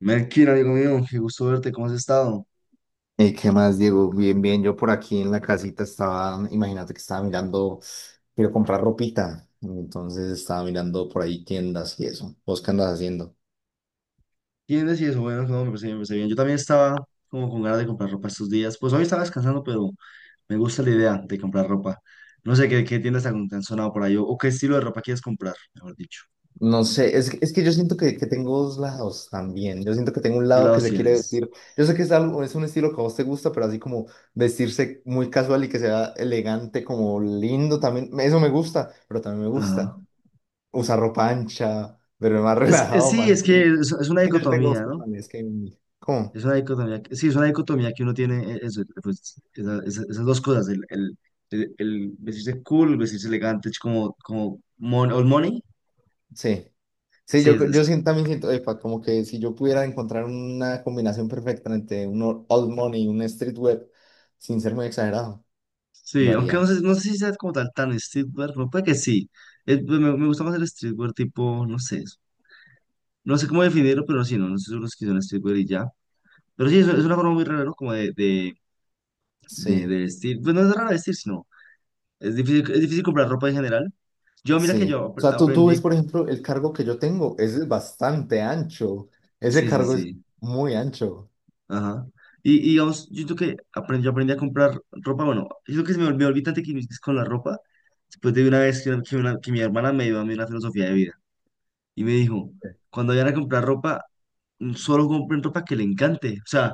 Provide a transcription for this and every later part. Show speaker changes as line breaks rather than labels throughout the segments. Melkin, amigo mío, qué gusto verte, ¿cómo has estado?
¿Qué más, Diego? Bien, bien, yo por aquí en la casita estaba, imagínate que estaba mirando, quiero comprar ropita, entonces estaba mirando por ahí tiendas y eso. ¿Vos qué andas haciendo?
¿Quién decís eso? Bueno, no, me parece bien, me parece bien. Yo también estaba como con ganas de comprar ropa estos días. Pues hoy estaba descansando, pero me gusta la idea de comprar ropa. No sé qué tiendas te han sonado por ahí o qué estilo de ropa quieres comprar, mejor dicho.
No sé, es que yo siento que tengo dos lados también, yo siento que tengo un
¿Qué
lado que
lados
se quiere
tienes?
vestir, yo sé que es algo, es un estilo que a vos te gusta, pero así como vestirse muy casual y que sea elegante, como lindo también, eso me gusta, pero también me
Ajá.
gusta usar ropa ancha, pero más relajado,
Sí,
más
es que
street.
es una
Es que yo tengo dos
dicotomía, ¿no?
personalidades que hay en mí. ¿Cómo?
Es una dicotomía. Sí, es una dicotomía que uno tiene, eso, pues, esas dos cosas, el vestirse cool, vestirse elegante, es como, old money.
Sí, sí,
Sí,
yo,
es,
yo siento, también siento, epa, como que si yo pudiera encontrar una combinación perfecta entre un old money y un street web, sin ser muy exagerado, lo
sí, aunque no
haría.
sé, no sé si sea como tal tan streetwear, pero puede que sí. Me gusta más el streetwear tipo, no sé, no sé cómo definirlo, pero sí, no, no sé son los que son streetwear y ya. Pero sí, es una forma muy rara, ¿no? Como
Sí,
de vestir. Pues no es rara vestir, sino es difícil comprar ropa en general. Yo, mira que
sí.
yo
O sea, tú ves,
aprendí,
por ejemplo, el cargo que yo tengo es bastante ancho. Ese
sí, sí,
cargo es
sí,
muy ancho.
ajá. Y digamos, yo creo que aprendí, yo aprendí a comprar ropa, bueno, yo creo que se me, me olvidé tanto que con la ropa, después de una vez que mi hermana me dio a mí una filosofía de vida. Y me dijo, cuando vayan a comprar ropa, solo compren ropa que le encante. O sea,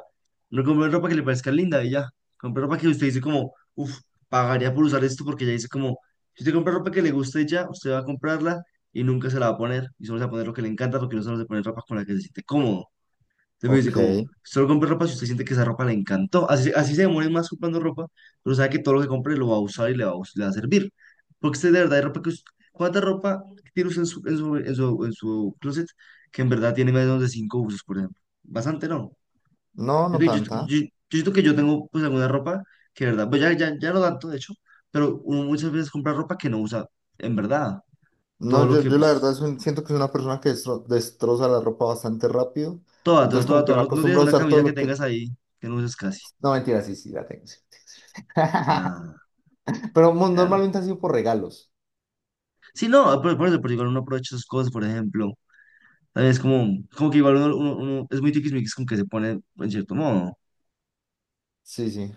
no compren ropa que le parezca linda y ya. Compren ropa que usted dice como, uff, pagaría por usar esto porque ya dice como, si usted compra ropa que le guste ya, usted va a comprarla y nunca se la va a poner. Y solo se va a poner lo que le encanta porque no solo se pone ropa con la que se siente cómodo. Entonces me dice
Ok.
como, solo compre ropa si usted siente que esa ropa le encantó. Así, así se demore más comprando ropa, pero sabe que todo lo que compre lo va a usar y le va a, le va a servir. Porque usted de verdad hay ropa ¿cuánta ropa tiene usted en su, en su closet que en verdad tiene menos de 5 usos, por ejemplo? Bastante, ¿no?
No,
Yo,
no
te- yo, yo-
tanta.
yo siento que yo tengo pues alguna ropa que de verdad, pues ya no tanto, de hecho, pero uno muchas veces compra ropa que no usa en verdad. Todo
No,
lo
yo,
que
yo la verdad
pues,
es siento que es una persona que destroza la ropa bastante rápido. Entonces, como que
toda.
me
No, no tienes
acostumbro a
una
usar todo
camisa que
lo que.
tengas ahí que no uses casi.
No, mentira, sí, sí, la tengo. Sí.
Ah.
Pero
Claro,
normalmente ha sido por regalos.
sí, no, ah, por eso, porque igual uno aprovecha esas cosas, por ejemplo. También es como, como que igual uno es muy tiquismiquis con que se pone en cierto modo.
Sí, sí.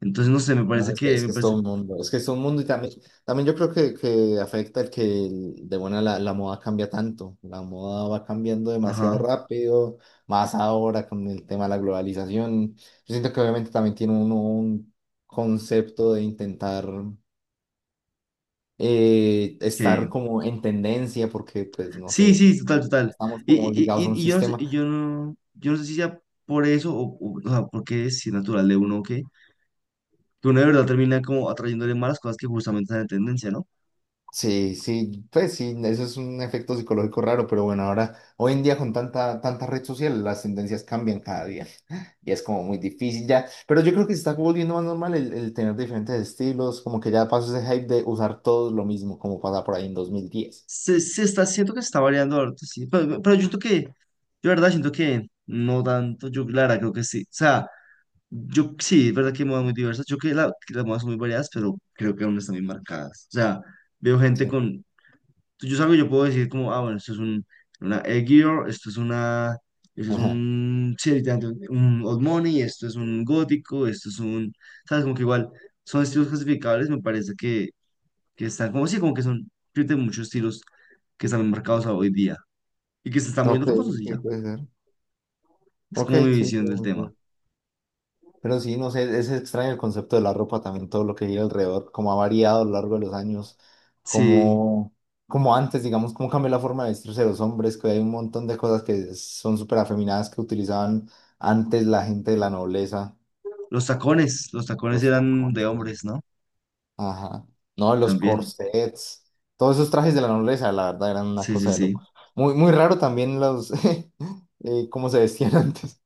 Entonces, no sé,
No, es que, es
me
que es
parece,
todo un mundo. Es que es todo un mundo y también yo creo que afecta de buena la moda cambia tanto. La moda va cambiando demasiado
ajá,
rápido, más ahora con el tema de la globalización. Yo siento que obviamente también tiene uno un concepto de intentar
que,
estar como en tendencia porque, pues, no
sí,
sé,
sí, total, total.
estamos
Y,
como
y,
obligados a un
y, y yo no sé,
sistema.
y yo no sé si sea por eso o sea, porque es si natural de uno que uno de verdad termina como atrayéndole malas cosas que justamente están en tendencia, ¿no?
Sí, sí, pues sí, eso es un efecto psicológico raro, pero bueno, ahora, hoy en día con tanta, tanta red social, las tendencias cambian cada día y es como muy difícil ya, pero yo creo que se está volviendo más normal el tener diferentes estilos, como que ya pasó ese hype de usar todos lo mismo, como pasa por ahí en 2010.
Se está, siento que se está variando ahorita, sí. Pero yo siento que, yo la verdad siento que no tanto, yo la verdad creo que sí. O sea, yo sí, es verdad que hay modas muy diversas. Yo creo que, que las modas son muy variadas, pero creo que aún están muy marcadas. O sea, veo gente
Sí.
con, yo salgo y yo puedo decir como, ah, bueno, esto es un, una Edgear, esto es una, esto es
Ajá.
un, sí, literalmente, un Old Money, esto es un gótico, esto es un, sabes, como que igual son estilos clasificables, me parece que están como, sí, como que son, tienen muchos estilos que están marcados a hoy día y que se están
Ok,
moviendo famosos y
¿qué
ya.
puede ser?
Es
Ok,
como mi
sí,
visión
tiene
del tema.
sentido. Pero sí, no sé, es extraño el concepto de la ropa también, todo lo que gira alrededor, cómo ha variado a lo largo de los años,
Sí,
como, como antes, digamos, cómo cambió la forma de vestirse de los hombres, que hay un montón de cosas que son súper afeminadas que utilizaban antes la gente de la nobleza,
los tacones
los
eran
tacones,
de
pum,
hombres, ¿no?
ajá, no, los
También.
corsets, todos esos trajes de la nobleza, la verdad, eran una
Sí, sí,
cosa de
sí.
locos. Muy, muy raro también cómo se vestían antes,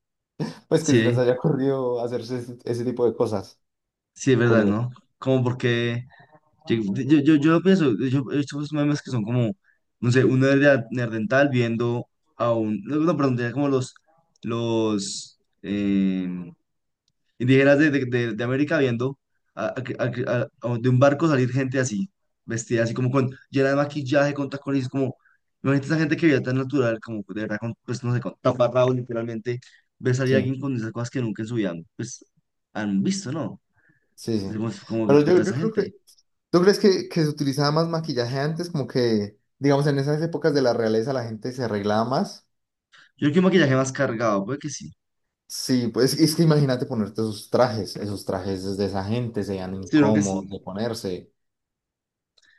pues que se les
Sí,
haya ocurrido hacerse ese tipo de cosas,
sí, es verdad,
curioso,
¿no? Como porque yo pienso, yo he visto esos memes que son como, no sé, un nerd, nerdental viendo a un, no, no, perdón, tenía como los, indígenas de América viendo a- a- a- de un barco salir gente así, vestida así como con llena de maquillaje, con tacones, como, imagínate esa gente que veía tan natural, como de verdad, con, pues no sé, con taparrabos literalmente, ver salir a
sí.
alguien con esas cosas que nunca en su vida, pues han visto, ¿no?
Sí,
Es
sí.
como, como que
Pero yo,
puta esa
yo creo que,
gente.
¿tú crees que se utilizaba más maquillaje antes? Como que, digamos, en esas épocas de la realeza la gente se arreglaba más.
Yo creo que un maquillaje más cargado, puede que sí.
Sí, pues es que imagínate ponerte esos trajes de esa gente serían
Sí, yo creo que sí.
incómodos de ponerse.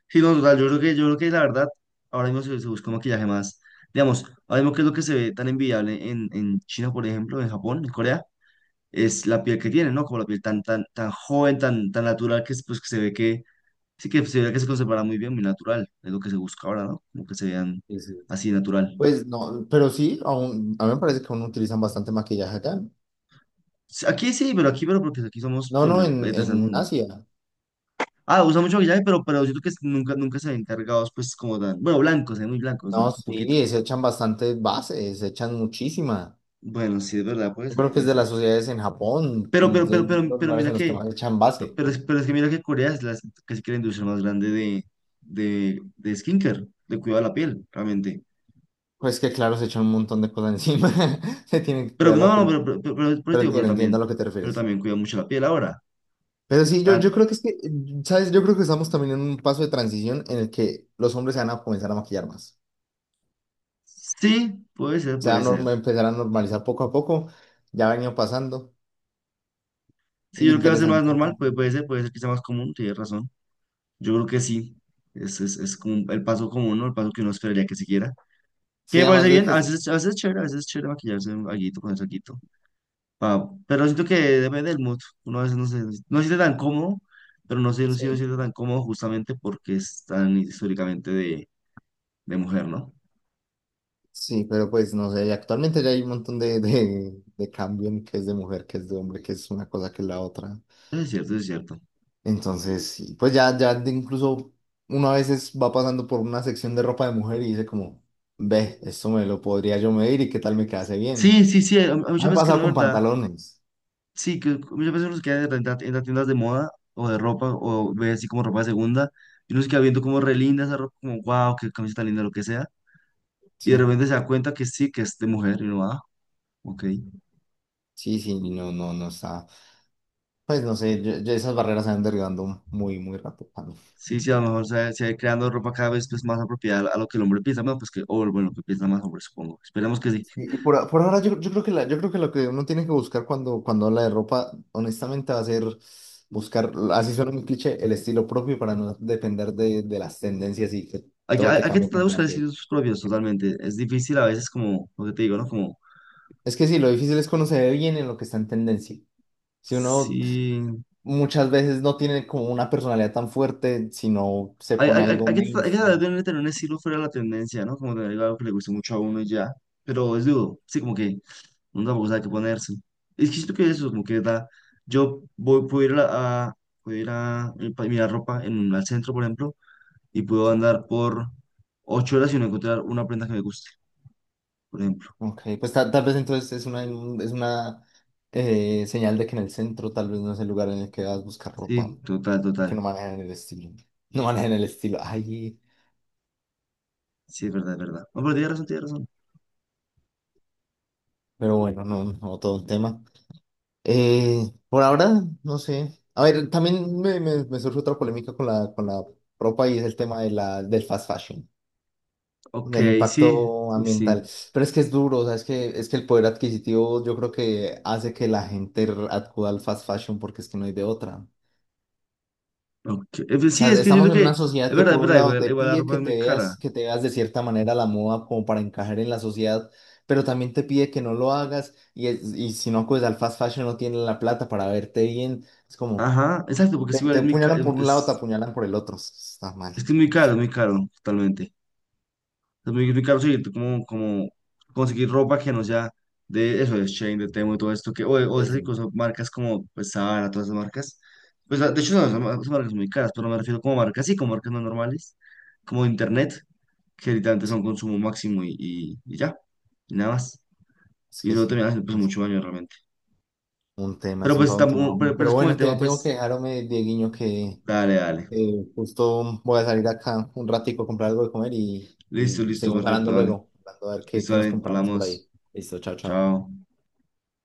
Sí, no, total, yo creo que la verdad, ahora mismo se busca un maquillaje más, digamos, ahora mismo que es lo que se ve tan envidiable en China, por ejemplo, en Japón, en Corea es la piel que tiene, ¿no? Como la piel tan joven, tan natural, que, es, pues, que se ve que, sí que se ve que se conservará muy bien, muy natural, es lo que se busca ahora, ¿no? Como que se vean
Sí, sí.
así natural.
Pues no, pero sí, aún, a mí me parece que aún utilizan bastante maquillaje acá.
Sí, aquí sí, pero aquí, pero porque aquí somos
No, no,
primero,
en,
tercer
en
mundo.
Asia.
Ah, usa mucho maquillaje, pero siento que nunca, nunca se ven cargados, pues, como tan, bueno, blancos, muy blancos,
No,
¿no? Un poquito.
sí, se echan bastantes bases, se echan muchísima.
Bueno, sí, es verdad, puede
Yo
ser,
creo que es
puede
de
ser.
las sociedades en Japón,
Pero, pero,
de
pero, pero,
los
pero
lugares
mira
en los que
que,
más echan
pero,
base.
pero es que mira que Corea es la, casi que la industria más grande de skincare, de cuidado de la piel, realmente.
Pues que claro, se echan un montón de cosas encima, se tienen que
Pero
cuidar
no,
la
no,
piel.
pero
Pero
digo,
entiendo, entiendo a lo que te
pero
refieres.
también cuida mucho la piel ahora.
Pero
O
sí, yo,
sea,
yo creo que es que, ¿sabes? Yo creo que estamos también en un paso de transición en el que los hombres se van a comenzar a maquillar más.
sí, puede ser,
Se
puede
van a
ser.
empezar a normalizar poco a poco, ya ha venido pasando.
Sí, yo
Y
creo que va a ser más
interesante.
normal, puede, puede ser que sea más común, tienes razón. Yo creo que sí. Es como el paso común, ¿no? El paso que uno esperaría que siguiera. Que
Sí,
me parece
además de
bien,
que.
a veces es chévere, a veces es chévere maquillarse un alguito, ponerse alguito. Ah, pero siento que depende del mood. Uno a veces no se, no se siente tan cómodo, pero no se, no se
Sí,
siente tan cómodo justamente porque es tan históricamente de mujer, ¿no?
sí, pero pues no sé, actualmente ya hay un montón de cambio en qué es de mujer, qué es de hombre, qué es una cosa, que es la otra.
Eso es cierto, eso es cierto.
Entonces, sí, pues ya, incluso uno a veces va pasando por una sección de ropa de mujer y dice como, ve, esto me lo podría yo medir y qué tal me quedase bien.
Sí, sí, sí, hay
Ah,
muchas
me he
veces que uno,
pasado
de
con
¿verdad?
pantalones.
Sí, que muchas veces uno se queda en las tiendas de moda o de ropa o ve así como ropa de segunda y uno se queda viendo como re linda esa ropa, como wow, qué camiseta linda, lo que sea, y
Sí,
de repente se da cuenta que sí, que es de mujer y uno, ah, ok.
sí, sí, no, no, no está. Pues no sé, yo esas barreras se van derribando muy, muy rápido, mano.
Sí, sí, a lo mejor se va creando ropa cada vez pues, más apropiada a lo que el hombre piensa, bueno, pues que, o bueno, lo que piensa más hombre, supongo. Esperemos que sí.
Y, y por ahora yo creo que yo creo que lo que uno tiene que buscar cuando habla de ropa, honestamente, va a ser buscar, así suena un cliché, el estilo propio para no depender de las tendencias y que todo te
Hay que
cambie
tratar de
tan
buscar
rápido.
sitios propios totalmente. Es difícil a veces como, lo que te digo, ¿no? Como,
Es que sí, lo difícil es conocer bien en lo que está en tendencia. Si uno
sí.
muchas veces no tiene como una personalidad tan fuerte, sino se
Hay,
pone
hay- hay-
algo
hay- que tra- hay que tratar
mainstream.
de no tener un estilo fuera de la tendencia, ¿no? Como tener algo que le guste mucho a uno y ya. Pero es duro, sí, como que uno tampoco sabe qué ponerse. Es que siento que eso, como que da. Yo voy, puedo ir puedo ir a mirar ropa en un al centro, por ejemplo, y puedo
Sí.
andar por 8 horas y no encontrar una prenda que me guste, por ejemplo.
Ok, pues tal vez entonces es una señal de que en el centro tal vez no es el lugar en el que vas a buscar ropa,
Sí, total,
que
total.
no manejan el estilo. No manejan el estilo. Ay,
Sí, es verdad, es verdad. No, pero tienes razón, tienes razón.
pero bueno, no, no todo un tema. Por ahora, no sé. A ver, también me surge otra polémica con la con la ropa y es el tema del fast fashion,
Ok,
del
sí,
impacto
sí, sí.
ambiental. Pero es que es duro, o sea, es que el poder adquisitivo yo creo que hace que la gente acuda al fast fashion porque es que no hay de otra.
Okay.
O sea,
Sí, es que siento
estamos en
que,
una sociedad que
es
por un
verdad,
lado
igual,
te
igual la
pide
ropa
que
es muy
te
cara.
veas, que te veas de cierta manera la moda como para encajar en la sociedad, pero también te pide que no lo hagas y, y si no acudes al fast fashion no tienen la plata para verte bien. Es como,
Ajá, exacto, porque es
te,
igual,
te
es muy,
apuñalan por un lado, te apuñalan por el otro. Está mal.
es que es muy caro, totalmente. Es muy, muy caro, sí, como, como conseguir ropa que no sea de eso, de Shein, de Temu y todo esto, que, o, o de
Sí,
esas
sí,
incluso marcas como, pues, Zara, todas esas marcas. Pues, de hecho, no, esas marcas son muy caras, pero me refiero como marcas, sí, como marcas no normales, como Internet, que literalmente son
sí.
consumo máximo y ya, y nada más.
Es
Y
que
eso
sí.
termina haciendo, pues,
No.
mucho daño realmente.
Un tema,
Pero,
es un
pues,
todo un tema, hombre.
pero
Pero
es como el
bueno, te
tema,
tengo que
pues,
dejar, hombre, Dieguiño, que
dale, dale.
justo voy a salir acá un ratico a comprar algo de comer
Listo,
y
listo,
seguimos hablando
perfecto, dale.
luego, hablando a ver qué,
Listo,
qué nos
dale,
compramos por
hablamos.
ahí. Listo, chao, chao.
Chao.